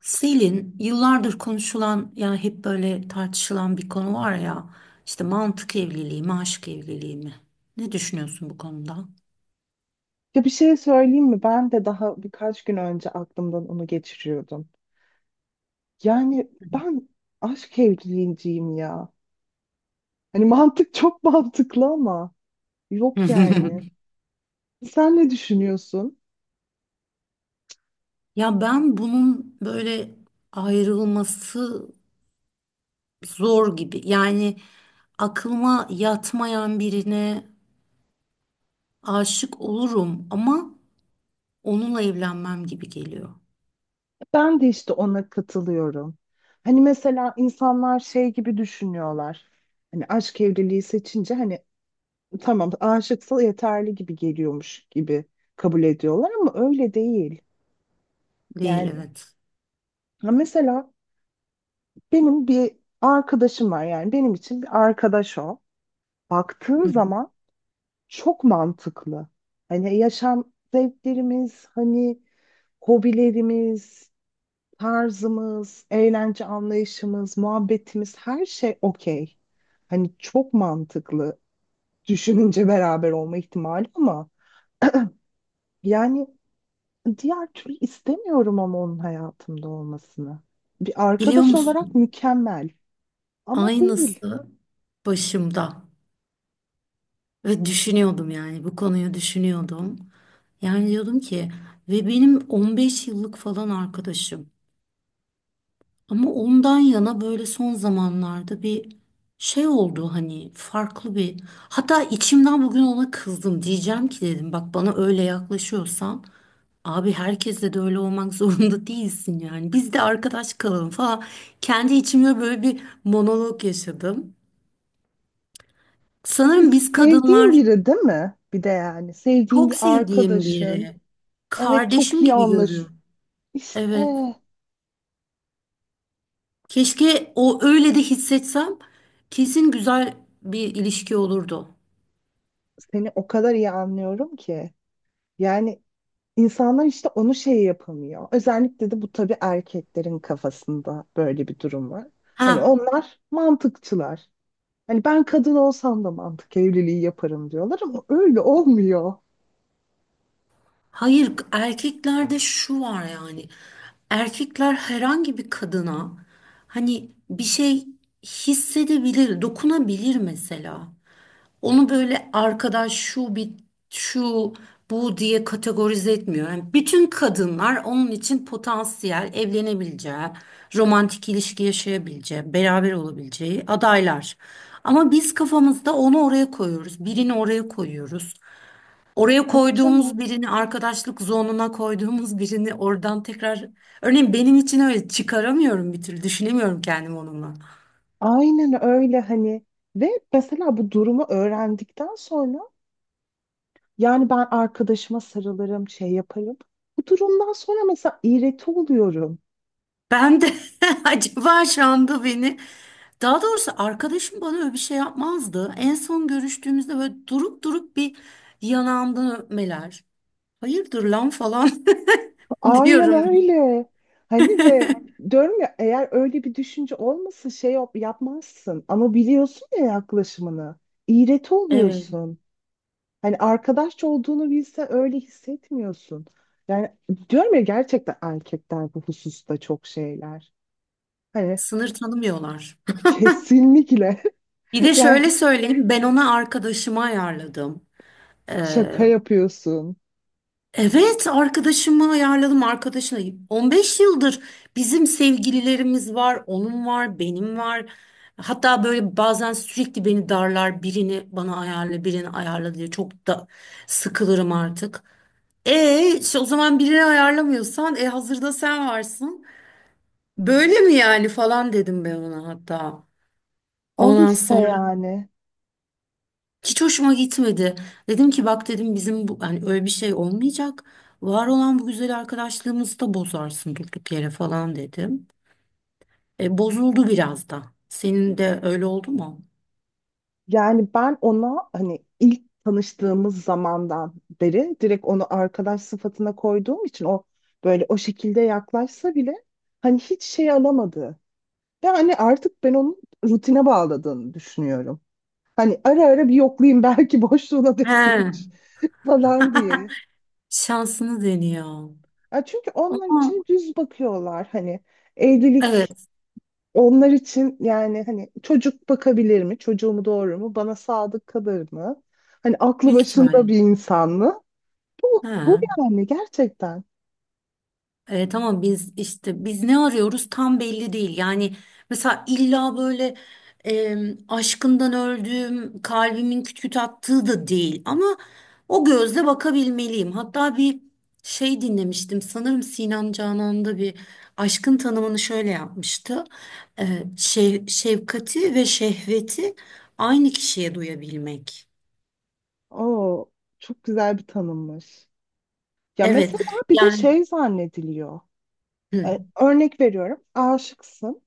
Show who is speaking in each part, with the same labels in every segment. Speaker 1: Selin yıllardır konuşulan yani hep böyle tartışılan bir konu var ya işte mantık evliliği mi aşk evliliği mi? Ne düşünüyorsun bu konuda?
Speaker 2: Ya bir şey söyleyeyim mi? Ben de daha birkaç gün önce aklımdan onu geçiriyordum. Yani ben aşk evliliğiciyim ya. Hani mantık çok mantıklı ama yok yani. Sen ne düşünüyorsun?
Speaker 1: Ya ben bunun böyle ayrılması zor gibi yani aklıma yatmayan birine aşık olurum ama onunla evlenmem gibi geliyor.
Speaker 2: Ben de işte ona katılıyorum. Hani mesela insanlar şey gibi düşünüyorlar. Hani aşk evliliği seçince hani tamam aşıksa yeterli gibi geliyormuş gibi kabul ediyorlar ama öyle değil.
Speaker 1: Değil
Speaker 2: Yani
Speaker 1: evet.
Speaker 2: ha mesela benim bir arkadaşım var, yani benim için bir arkadaş o. Baktığın
Speaker 1: Hı.
Speaker 2: zaman çok mantıklı. Hani yaşam zevklerimiz, hani hobilerimiz, tarzımız, eğlence anlayışımız, muhabbetimiz her şey okey. Hani çok mantıklı düşününce beraber olma ihtimali ama yani diğer türlü istemiyorum ama onun hayatımda olmasını. Bir
Speaker 1: Biliyor
Speaker 2: arkadaş olarak
Speaker 1: musun?
Speaker 2: mükemmel ama değil.
Speaker 1: Aynısı başımda. Ve düşünüyordum yani bu konuyu düşünüyordum. Yani diyordum ki ve benim 15 yıllık falan arkadaşım. Ama ondan yana böyle son zamanlarda bir şey oldu hani farklı bir. Hatta içimden bugün ona kızdım. Diyeceğim ki dedim bak bana öyle yaklaşıyorsan abi herkesle de öyle olmak zorunda değilsin yani. Biz de arkadaş kalalım falan. Kendi içimde böyle bir monolog yaşadım.
Speaker 2: Hani
Speaker 1: Sanırım biz
Speaker 2: sevdiğin
Speaker 1: kadınlar
Speaker 2: biri değil mi? Bir de yani sevdiğin
Speaker 1: çok
Speaker 2: bir
Speaker 1: sevdiğim
Speaker 2: arkadaşın.
Speaker 1: biri.
Speaker 2: Evet, çok
Speaker 1: Kardeşim
Speaker 2: iyi
Speaker 1: gibi
Speaker 2: anlaş.
Speaker 1: görüyorum.
Speaker 2: İşte
Speaker 1: Evet. Keşke o öyle de hissetsem kesin güzel bir ilişki olurdu.
Speaker 2: seni o kadar iyi anlıyorum ki. Yani insanlar işte onu şey yapamıyor. Özellikle de bu tabii erkeklerin kafasında böyle bir durum var. Hani
Speaker 1: Ha,
Speaker 2: onlar mantıkçılar. Hani ben kadın olsam da mantık evliliği yaparım diyorlar ama öyle olmuyor.
Speaker 1: hayır erkeklerde şu var yani. Erkekler herhangi bir kadına hani bir şey hissedebilir, dokunabilir mesela. Onu böyle arkadaş şu bir şu bu diye kategorize etmiyor. Yani bütün kadınlar onun için potansiyel evlenebileceği, romantik ilişki yaşayabileceği, beraber olabileceği adaylar. Ama biz kafamızda onu oraya koyuyoruz, birini oraya koyuyoruz. Oraya
Speaker 2: Tabii
Speaker 1: koyduğumuz
Speaker 2: canım.
Speaker 1: birini arkadaşlık zonuna koyduğumuz birini oradan tekrar örneğin benim için öyle çıkaramıyorum, bir türlü düşünemiyorum kendimi onunla.
Speaker 2: Aynen öyle hani. Ve mesela bu durumu öğrendikten sonra yani ben arkadaşıma sarılırım, şey yaparım. Bu durumdan sonra mesela iğreti oluyorum.
Speaker 1: Ben de acaba Şam'da beni, daha doğrusu arkadaşım bana öyle bir şey yapmazdı. En son görüştüğümüzde böyle durup durup bir yanağımdan öpmeler. Hayırdır lan falan
Speaker 2: Aynen
Speaker 1: diyorum.
Speaker 2: öyle. Hani ve diyorum ya, eğer öyle bir düşünce olmasa yapmazsın ama biliyorsun ya yaklaşımını. İğreti
Speaker 1: Evet,
Speaker 2: oluyorsun. Hani arkadaşça olduğunu bilse öyle hissetmiyorsun. Yani diyorum ya, gerçekten erkekler bu hususta çok şeyler. Hani
Speaker 1: sınır tanımıyorlar.
Speaker 2: kesinlikle.
Speaker 1: Bir de şöyle
Speaker 2: Yani
Speaker 1: söyleyeyim, ben ona arkadaşımı ayarladım.
Speaker 2: şaka
Speaker 1: Ee,
Speaker 2: yapıyorsun.
Speaker 1: Evet, arkadaşımı ayarladım arkadaşına. 15 yıldır bizim sevgililerimiz var, onun var, benim var. Hatta böyle bazen sürekli beni darlar, birini bana ayarla, birini ayarla diye çok da sıkılırım artık. E işte o zaman birini ayarlamıyorsan hazırda sen varsın. Böyle mi yani falan dedim ben ona hatta.
Speaker 2: Al
Speaker 1: Ondan
Speaker 2: işte
Speaker 1: sonra
Speaker 2: yani.
Speaker 1: hiç hoşuma gitmedi. Dedim ki bak dedim, bizim bu hani öyle bir şey olmayacak. Var olan bu güzel arkadaşlığımızı da bozarsın durduk yere falan dedim. E, bozuldu biraz da. Senin de öyle oldu mu?
Speaker 2: Yani ben ona hani ilk tanıştığımız zamandan beri direkt onu arkadaş sıfatına koyduğum için o böyle o şekilde yaklaşsa bile hani hiç şey alamadı. Ve hani artık ben onun rutine bağladığını düşünüyorum. Hani ara ara bir yoklayayım, belki boşluğuna denk
Speaker 1: He.
Speaker 2: gelir falan diye.
Speaker 1: Şansını deniyor.
Speaker 2: Ya çünkü onlar
Speaker 1: Ama
Speaker 2: için düz bakıyorlar hani evlilik.
Speaker 1: evet,
Speaker 2: Onlar için yani hani çocuk bakabilir mi? Çocuğumu doğurur mu? Bana sadık kalır mı? Hani aklı
Speaker 1: büyük
Speaker 2: başında
Speaker 1: ihtimalle.
Speaker 2: bir insan mı? Bu
Speaker 1: He.
Speaker 2: yani gerçekten.
Speaker 1: E, tamam, biz işte biz ne arıyoruz tam belli değil. Yani mesela illa böyle e, aşkından öldüğüm, kalbimin küt küt attığı da değil. Ama o gözle bakabilmeliyim. Hatta bir şey dinlemiştim. Sanırım Sinan Canan'da bir, aşkın tanımını şöyle yapmıştı. E, şefkati ve şehveti aynı kişiye duyabilmek.
Speaker 2: Oo, çok güzel bir tanımmış. Ya
Speaker 1: Evet
Speaker 2: mesela bir de
Speaker 1: yani
Speaker 2: şey zannediliyor.
Speaker 1: hı,
Speaker 2: E, örnek veriyorum. Aşıksın.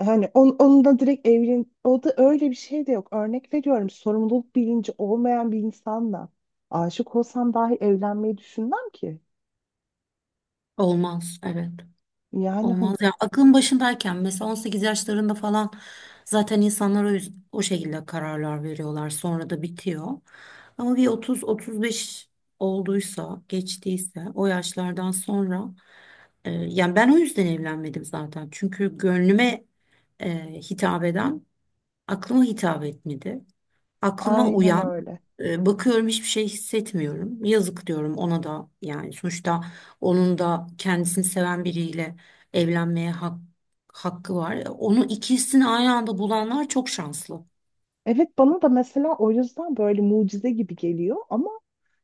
Speaker 2: Hani onunla direkt evlen... O da öyle bir şey de yok. Örnek veriyorum. Sorumluluk bilinci olmayan bir insanla aşık olsam dahi evlenmeyi düşünmem ki.
Speaker 1: olmaz evet.
Speaker 2: Yani hani
Speaker 1: Olmaz ya. Aklın başındayken mesela 18 yaşlarında falan zaten insanlar o şekilde kararlar veriyorlar. Sonra da bitiyor. Ama bir 30-35 olduysa, geçtiyse o yaşlardan sonra, yani ben o yüzden evlenmedim zaten. Çünkü gönlüme hitap eden aklıma hitap etmedi. Aklıma
Speaker 2: aynen
Speaker 1: uyan,
Speaker 2: öyle.
Speaker 1: bakıyorum hiçbir şey hissetmiyorum. Yazık diyorum ona da yani, sonuçta onun da kendisini seven biriyle evlenmeye hakkı var. Onu, ikisini aynı anda bulanlar çok şanslı.
Speaker 2: Evet, bana da mesela o yüzden böyle mucize gibi geliyor ama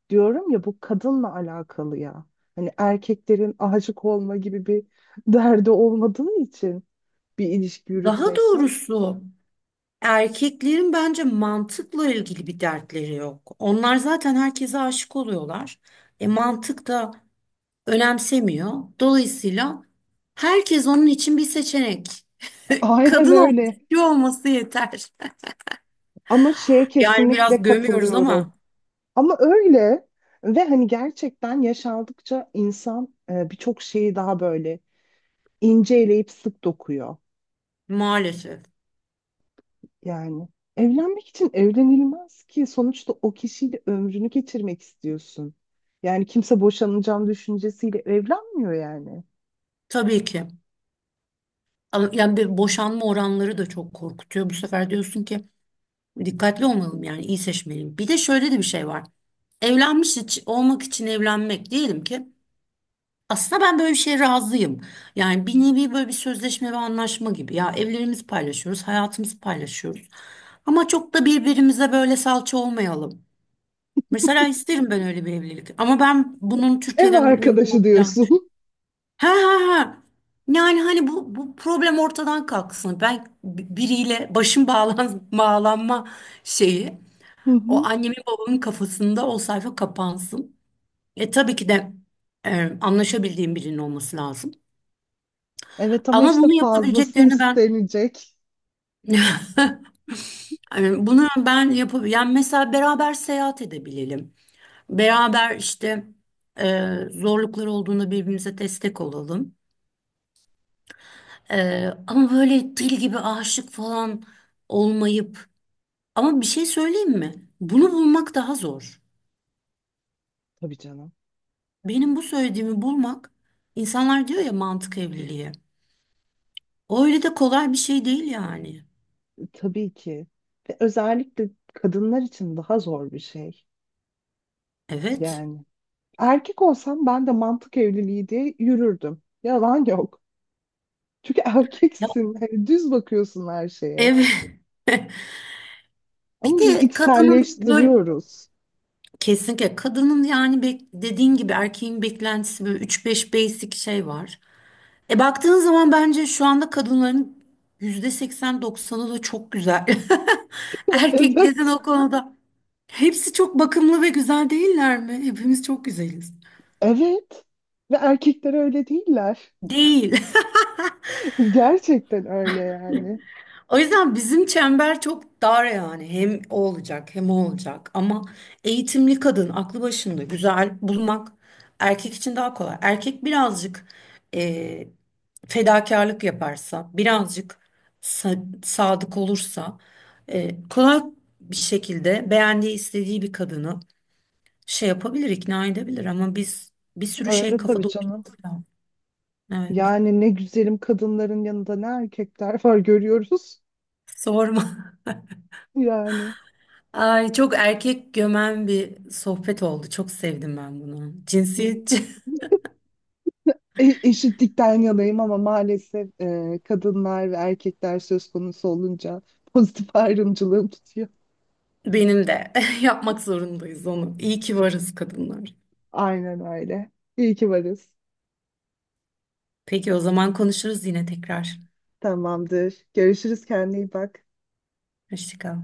Speaker 2: diyorum ya, bu kadınla alakalı ya. Hani erkeklerin aşık olma gibi bir derdi olmadığı için bir ilişki
Speaker 1: Daha
Speaker 2: yürütmekten.
Speaker 1: doğrusu erkeklerin bence mantıkla ilgili bir dertleri yok. Onlar zaten herkese aşık oluyorlar. E mantık da önemsemiyor. Dolayısıyla herkes onun için bir seçenek.
Speaker 2: Aynen
Speaker 1: Kadın
Speaker 2: öyle.
Speaker 1: erkek olması yeter.
Speaker 2: Ama şeye
Speaker 1: Yani biraz
Speaker 2: kesinlikle
Speaker 1: gömüyoruz
Speaker 2: katılıyorum.
Speaker 1: ama
Speaker 2: Ama öyle ve hani gerçekten yaşandıkça insan birçok şeyi daha böyle inceleyip sık dokuyor.
Speaker 1: maalesef.
Speaker 2: Yani evlenmek için evlenilmez ki, sonuçta o kişiyle ömrünü geçirmek istiyorsun. Yani kimse boşanacağım düşüncesiyle evlenmiyor yani.
Speaker 1: Tabii ki. Ama yani bir, boşanma oranları da çok korkutuyor. Bu sefer diyorsun ki dikkatli olmalım yani, iyi seçmeliyim. Bir de şöyle de bir şey var. Evlenmiş olmak için evlenmek diyelim ki, aslında ben böyle bir şeye razıyım. Yani bir nevi böyle bir sözleşme ve anlaşma gibi. Ya evlerimizi paylaşıyoruz, hayatımızı paylaşıyoruz. Ama çok da birbirimize böyle salça olmayalım. Mesela isterim ben öyle bir evlilik. Ama ben bunun
Speaker 2: Ev
Speaker 1: Türkiye'de mümkün
Speaker 2: arkadaşı
Speaker 1: olacağını düşünüyorum.
Speaker 2: diyorsun.
Speaker 1: Ha ha ha. Yani hani bu problem ortadan kalksın. Ben biriyle başım bağlan, bağlanma şeyi,
Speaker 2: Hı
Speaker 1: o
Speaker 2: hı.
Speaker 1: annemin babamın kafasında o sayfa kapansın. E tabii ki de, anlaşabildiğim birinin olması lazım.
Speaker 2: Evet ama
Speaker 1: Ama
Speaker 2: işte
Speaker 1: bunu
Speaker 2: fazlası
Speaker 1: yapabileceklerini ben
Speaker 2: istenecek.
Speaker 1: yani bunu ben yani mesela beraber seyahat edebilelim. Beraber işte zorlukları olduğunda birbirimize destek olalım. E, ama böyle dil gibi aşık falan olmayıp, ama bir şey söyleyeyim mi? Bunu bulmak daha zor.
Speaker 2: Tabii canım.
Speaker 1: Benim bu söylediğimi bulmak, insanlar diyor ya mantık evliliği. Öyle de kolay bir şey değil yani.
Speaker 2: Tabii ki. Ve özellikle kadınlar için daha zor bir şey.
Speaker 1: Evet.
Speaker 2: Yani erkek olsam ben de mantık evliliği diye yürürdüm. Yalan yok. Çünkü
Speaker 1: Ya,
Speaker 2: erkeksin. Hani düz bakıyorsun her şeye.
Speaker 1: evet. Bir
Speaker 2: Ama biz
Speaker 1: de kadının böyle,
Speaker 2: içselleştiriyoruz.
Speaker 1: kesinlikle kadının yani dediğin gibi erkeğin beklentisi böyle 3-5 basic şey var. E baktığın zaman bence şu anda kadınların %80-90'ı da çok güzel. Erkeklerin
Speaker 2: Evet.
Speaker 1: o konuda hepsi çok bakımlı ve güzel değiller mi? Hepimiz çok güzeliz.
Speaker 2: Evet. Ve erkekler öyle değiller.
Speaker 1: Değil.
Speaker 2: Gerçekten öyle yani.
Speaker 1: O yüzden bizim çember çok dar yani. Hem o olacak hem o olacak. Ama eğitimli kadın, aklı başında, güzel bulmak erkek için daha kolay. Erkek birazcık e, fedakarlık yaparsa, birazcık sadık olursa, kolay bir şekilde beğendiği, istediği bir kadını şey yapabilir, ikna edebilir. Ama biz bir sürü şey
Speaker 2: Öyle tabii
Speaker 1: kafada
Speaker 2: canım.
Speaker 1: oturtuyor. Evet.
Speaker 2: Yani ne güzelim kadınların yanında ne erkekler var görüyoruz.
Speaker 1: Sorma.
Speaker 2: Yani
Speaker 1: Ay çok erkek gömen bir sohbet oldu. Çok sevdim ben bunu. Cinsiyetçi
Speaker 2: eşitlikten yanayım ama maalesef kadınlar ve erkekler söz konusu olunca pozitif ayrımcılığım tutuyor.
Speaker 1: benim de. Yapmak zorundayız onu. İyi ki varız kadınlar.
Speaker 2: Aynen öyle. İyi ki varız.
Speaker 1: Peki o zaman konuşuruz yine tekrar.
Speaker 2: Tamamdır. Görüşürüz. Kendine iyi bak.
Speaker 1: Hoşça kal.